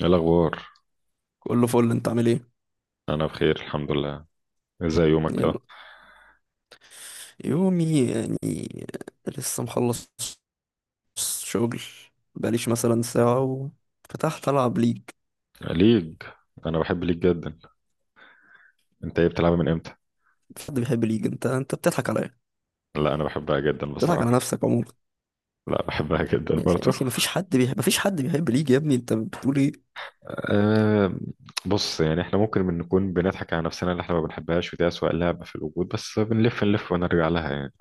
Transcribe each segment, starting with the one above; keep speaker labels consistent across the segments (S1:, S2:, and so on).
S1: ايه الاخبار؟
S2: كله فل. انت عامل ايه؟
S1: انا بخير الحمد لله. ازاي يومك كده؟
S2: يلا. يومي يعني لسه مخلص شغل. بقاليش مثلا ساعة وفتحت ألعب ليج.
S1: ليج. انا بحب ليج جدا. انت ايه بتلعبها من امتى؟
S2: مفيش حد بيحب ليج. انت بتضحك عليا.
S1: لا، انا بحبها جدا
S2: بتضحك على
S1: بصراحه.
S2: نفسك عموما.
S1: لا، بحبها جدا
S2: يا اخي يا
S1: برضه.
S2: اخي، مفيش حد بيحب، مفيش حد بيحب ليج. يا ابني انت بتقول ايه؟
S1: أه. بص، يعني احنا ممكن من نكون بنضحك على نفسنا اللي احنا ما بنحبهاش، ودي اسوأ لعبه في الوجود، بس بنلف نلف ونرجع لها يعني.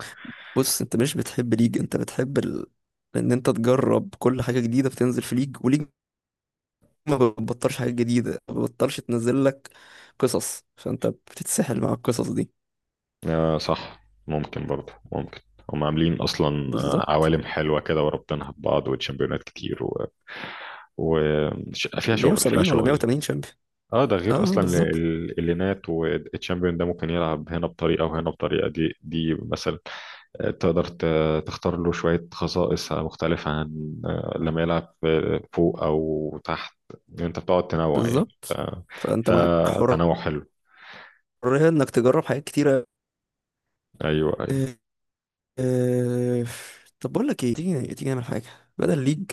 S2: بص، انت مش بتحب ليج، انت بتحب ان انت تجرب كل حاجة جديدة بتنزل في ليج. وليج ما بتبطلش حاجة جديدة، ما بتبطلش تنزل لك قصص، فانت بتتسحل مع القصص دي.
S1: أه صح، ممكن برضه، ممكن. هم عاملين اصلا.
S2: بالظبط.
S1: عوالم حلوه كده وربطينها ببعض وتشامبيونات كتير وفيها فيها شغل فيها
S2: 170 ولا
S1: شغل.
S2: 180 شامبيون.
S1: اه، ده غير
S2: اه
S1: اصلا
S2: بالظبط.
S1: اللينات والتشامبيون، ده ممكن يلعب هنا بطريقه وهنا بطريقه دي مثلا. تقدر تختار له شويه خصائص مختلفه عن لما يلعب فوق او تحت. انت بتقعد تنوع يعني.
S2: بالظبط، فانت معاك حرية
S1: فتنوع حلو.
S2: انك تجرب حاجات كتيرة.
S1: ايوه، ايوه.
S2: آه، آه، طب بقول لك ايه، تيجي تيجي نعمل حاجة بدل ليج.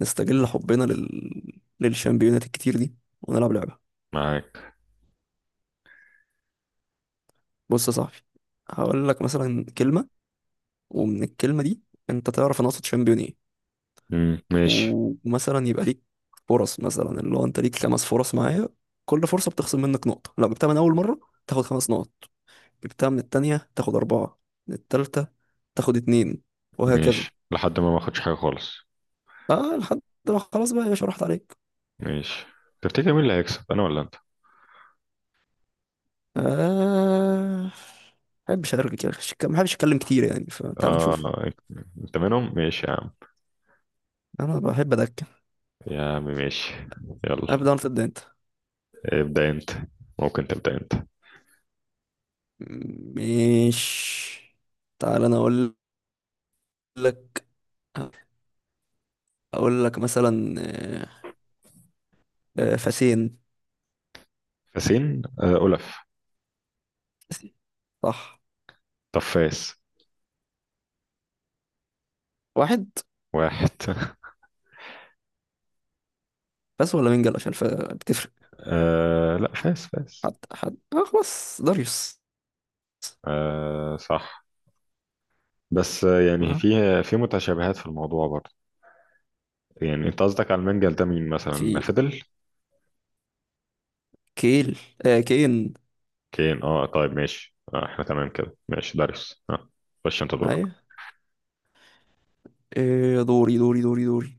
S2: نستغل حبنا للشامبيونات الكتير دي ونلعب لعبة.
S1: معاك.
S2: بص يا صاحبي، هقول لك مثلا كلمة، ومن الكلمة دي انت تعرف انا اقصد شامبيون ايه.
S1: مم، ماشي.
S2: ومثلا يبقى ليك فرص، مثلا اللي هو انت ليك خمس فرص معايا. كل فرصة بتخصم منك نقطة. لو جبتها من اول مرة تاخد خمس نقط، جبتها من التانية تاخد أربعة، من التالتة تاخد اتنين، وهكذا.
S1: ماشي لحد ما ما اخدش حاجه خالص.
S2: اه، لحد ما خلاص بقى يا باشا، راحت عليك.
S1: ماشي. تفتكر مين اللي هيكسب، انا ولا انت؟
S2: آه بحبش أرجع، ما بحبش أتكلم كتير يعني، فتعال نشوف.
S1: اه، انت منهم. ماشي يا عم.
S2: أنا بحب أدكن.
S1: يا عم ماشي. يلا.
S2: أبدأ ولا تبدأ أنت؟
S1: ابدأ أنت. ممكن تبدأ أنت.
S2: مش، تعال أنا أقول لك. أقول لك مثلا فاسين.
S1: فاسين، أولف.
S2: صح.
S1: طب فاس.
S2: واحد.
S1: واحد.
S2: بس، ولا منجل عشان بتفرق.
S1: لا، فاس فاس.
S2: حد آه خلاص، داريوس.
S1: آه صح. بس يعني
S2: آه.
S1: في. في متشابهات في الموضوع برضه. يعني انت قصدك على المنجل ده مين مثلا،
S2: في
S1: فضل؟
S2: كيل، آه كين.
S1: كين. اه طيب ماشي، احنا تمام كده، ماشي، داريوس، اه. خش انت دورك.
S2: ايوه. إيه، دوري.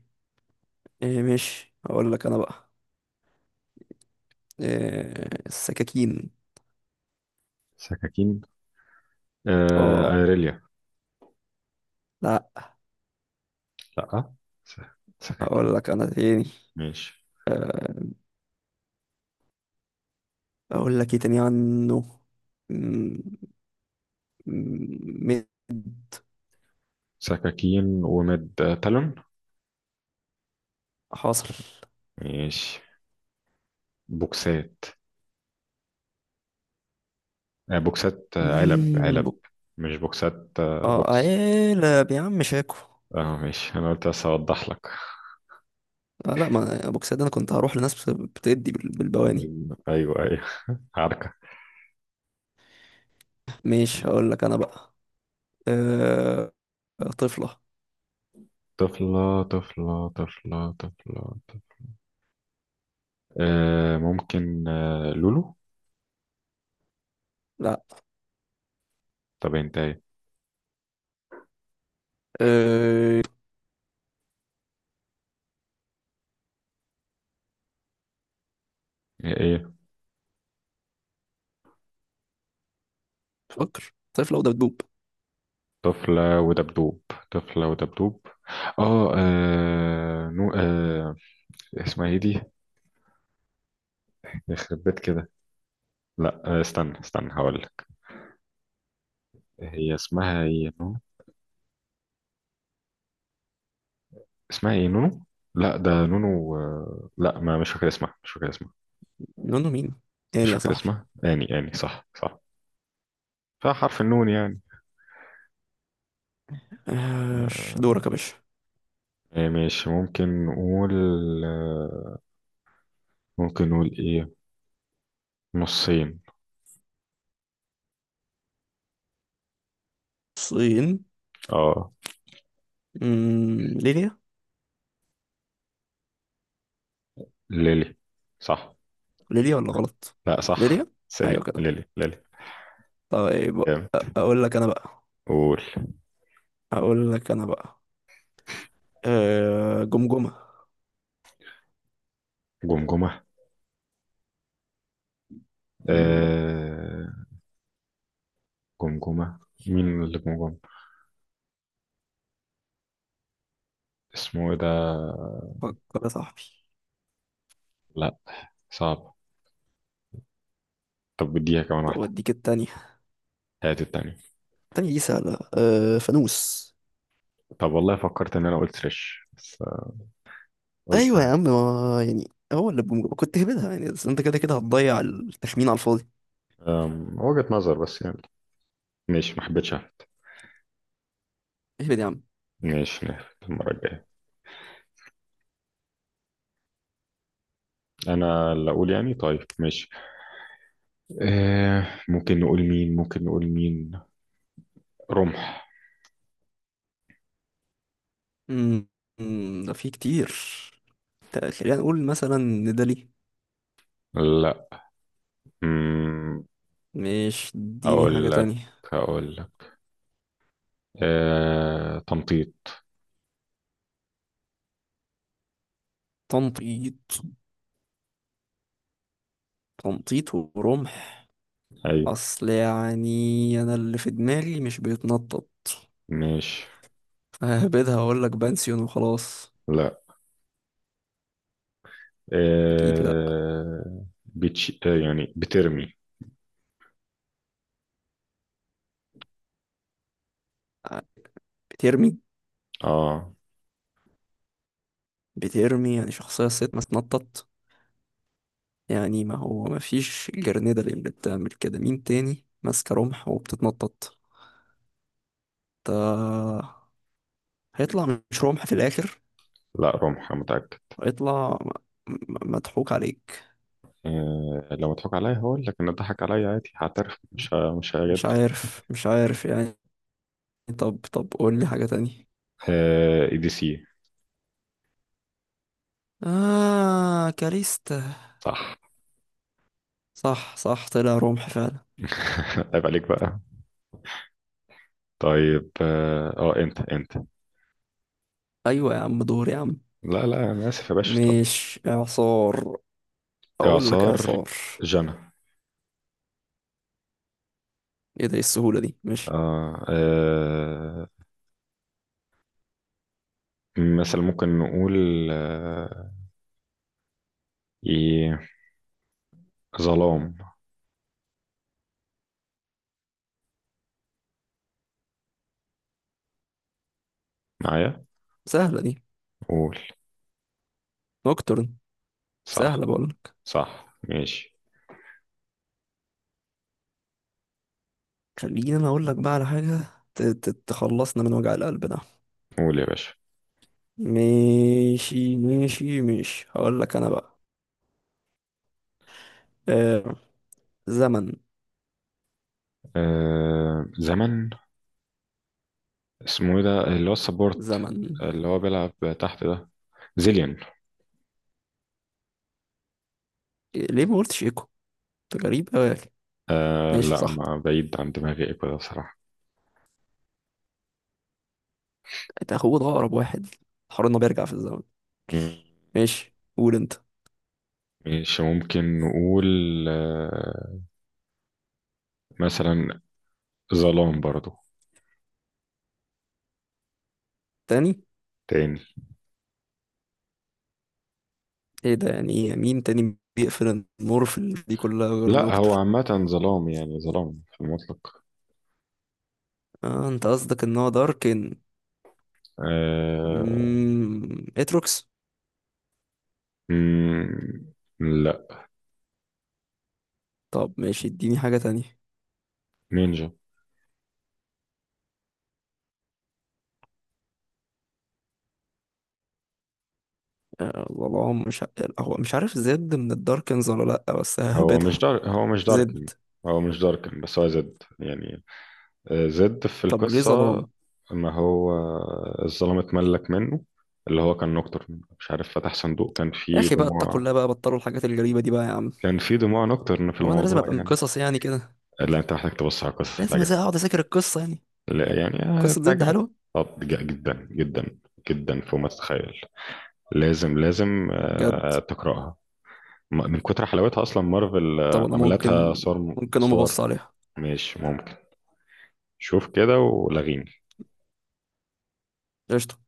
S2: إيه ماشي، اقول لك انا بقى. إيه، السكاكين.
S1: سكاكين.
S2: اه
S1: ايريليا.
S2: لا.
S1: لا. س-
S2: اقول
S1: سكاكين.
S2: لك انا تاني.
S1: ماشي.
S2: آه، اقول لك ايه تاني عنه. م- م-
S1: سكاكين، ومد تالون.
S2: حاصل.
S1: ماشي. بوكسات. بوكسات، علب،
S2: مم،
S1: علب.
S2: بو-
S1: مش بوكسات،
S2: اه
S1: بوكس.
S2: عيلة يا عم، شاكو.
S1: اه ماشي، انا قلت بس اوضح لك.
S2: آه لا، ما ابو ده انا كنت هروح لناس بتدي بالبواني.
S1: ايوه، ايوه، عركة.
S2: ماشي، هقول لك انا بقى. أه... طفلة.
S1: طفلة، طفلة، طفلة، طفلة، طفلة. ممكن، لولو.
S2: لا.
S1: طب انت ايه؟
S2: أه...
S1: ايه؟
S2: فكر، طفلة وده بتدوب.
S1: طفلة ودبدوب. طفلة ودبدوب. اه. نو. آه. اسمها ايه دي؟ يخرب بيت كده. لا، استنى استنى، هقول لك. هي اسمها ايه؟ اسمها ايه، نونو؟ لا، ده نونو، لا، ما، مش فاكر اسمها، مش فاكر اسمها.
S2: نونو مين
S1: مش
S2: تاني يا
S1: فاكر
S2: صاحبي؟
S1: اسمها يعني، صح صح. فحرف النون يعني.
S2: آه.
S1: آه،
S2: دورك يا باشا.
S1: ماشي ممكن نقول. آه، ممكن نقول ايه؟ نصين.
S2: الصين.
S1: اه.
S2: ليبيا.
S1: ليلي. صح.
S2: ليبيا ولا غلط؟
S1: لا صح،
S2: ليبيا.
S1: سلي،
S2: ايوه كده.
S1: ليلي ليلي.
S2: طيب
S1: جامد.
S2: اقول لك انا بقى.
S1: قول.
S2: اقول لك انا بقى آه، جمجمة.
S1: جمجمة.
S2: مم،
S1: آه. جمجمة. مين اللي جمجمة؟ اسمه ايه ده؟
S2: فكر يا صاحبي.
S1: لا. صعب. طب بديها كمان
S2: طب
S1: واحدة.
S2: اديك التانية.
S1: هات التانية.
S2: التانية دي سهلة، آه، فانوس.
S1: طب والله، فكرت ان انا قلت رش بس. قلت.
S2: ايوه يا عم، ما يعني هو اللي بجمجمة كنت هبدها يعني، بس انت كده كده هتضيع التخمين على الفاضي.
S1: وجهة نظر بس يعني. ماشي، ما حبيتش احمد.
S2: اهبد يا عم.
S1: ماشي، نعرف المرة الجاية. انا اللي اقول يعني، طيب، ماشي. ممكن نقول مين، ممكن نقول مين. رمح.
S2: مم، ده في كتير. خلينا نقول مثلا ندالي.
S1: لا. مم،
S2: مش، اديني حاجة
S1: اقول لك
S2: تانية.
S1: اقول لك، تمطيط.
S2: تنطيط. تنطيط ورمح.
S1: ايوه.
S2: أصل يعني أنا اللي في دماغي مش بيتنطط.
S1: ماشي.
S2: ههبدها وأقولك بنسيون وخلاص.
S1: لا،
S2: أكيد لأ.
S1: آه بتش... آه يعني بترمي.
S2: بترمي.
S1: اه.
S2: بترمي يعني شخصية، ست ما تنطط. يعني ما هو ما فيش جرنيدة اللي بتعمل كده. مين تاني ماسكة رمح وبتتنطط؟ ده هيطلع مش رمح في الآخر.
S1: لا رمح، أنا متأكد.
S2: هيطلع مضحوك عليك.
S1: لو مضحك عليا هقول لك ان ضحك عليا، عادي، هعترف، مش
S2: مش
S1: هجادل.
S2: عارف، مش عارف يعني. طب طب قول لي حاجة تانية.
S1: ADC.
S2: آه، كاريستا.
S1: صح.
S2: صح صح، طلع رمح فعلا.
S1: عيب عليك بقى. طيب اه، انت.
S2: أيوة يا عم، دور يا عم.
S1: لا، لا، انا اسف يا باشا، اتفضل.
S2: مش إعصار. أقول لك
S1: اعصار.
S2: إعصار.
S1: جنى.
S2: إيه ده، إيه السهولة دي؟ مش
S1: آه. آه. مثلا ممكن نقول. آه. ايه. ظلام. معايا.
S2: سهلة دي.
S1: قول.
S2: نوكتورن.
S1: صح
S2: سهلة بقول لك.
S1: صح، ماشي.
S2: خليني أنا أقول لك بقى على حاجة تخلصنا من وجع القلب ده.
S1: قول يا باشا.
S2: ماشي ماشي ماشي، هقول لك أنا بقى آه، زمن.
S1: آه. زمن. اسمه ايه ده، اللي هو السبورت،
S2: زمن.
S1: اللي هو بيلعب تحت ده. زيليان.
S2: إيه، ليه ما قلتش إيكو؟ أنت غريب أوي يا أخي.
S1: آه.
S2: ماشي
S1: لا،
S2: صح.
S1: ما بعيد عن دماغي ايه كده بصراحة.
S2: انت اخوه، ده اقرب واحد. حوار انه بيرجع في الزمن.
S1: مم.
S2: ماشي، قول انت.
S1: ماشي، ممكن نقول، آه، مثلا ظلام برضو.
S2: تاني.
S1: تاني.
S2: ايه ده، يعني ايه يعني؟ مين تاني بيقفل النور في دي كلها غير
S1: لا، هو
S2: نوكتر؟
S1: عامة ظلام يعني، ظلام في المطلق.
S2: اه، انت قصدك ان هو داركن.
S1: آه...
S2: اتروكس.
S1: مم... لا.
S2: طب ماشي، اديني حاجة تانية.
S1: نينجا.
S2: آه والله، مش هو مش عارف زد من الداركنز ولا لأ، بس ههبدها.
S1: هو مش
S2: زد.
S1: داركن. هو مش داركن بس هو زد يعني. زد في
S2: طب ليه
S1: القصة.
S2: ظلام؟
S1: ما هو الظلام اتملك منه، اللي هو كان نوكتورن مش عارف فتح صندوق كان
S2: يا
S1: فيه
S2: اخي بقى اتقوا
S1: دموع.
S2: الله بقى، بطلوا الحاجات الغريبة دي بقى يا عم.
S1: كان فيه دموع نوكتورن في
S2: هو انا لازم
S1: الموضوع
S2: ابقى من
S1: يعني.
S2: قصص يعني كده؟
S1: لا، انت محتاج تبص على القصة،
S2: لازم
S1: لا.
S2: اقعد اذاكر القصة يعني؟
S1: لا يعني. آه،
S2: قصة زد
S1: تعجبك.
S2: حلوة
S1: طب جدا جدا. جدا فوق ما تتخيل. لازم لازم،
S2: بجد؟
S1: تقرأها. من كتر حلاوتها أصلا، مارفل
S2: طب انا
S1: عملتها
S2: ممكن،
S1: صور
S2: ممكن اقوم ابص
S1: صور.
S2: عليها.
S1: ماشي، ممكن. شوف كده ولغيني.
S2: قشطة.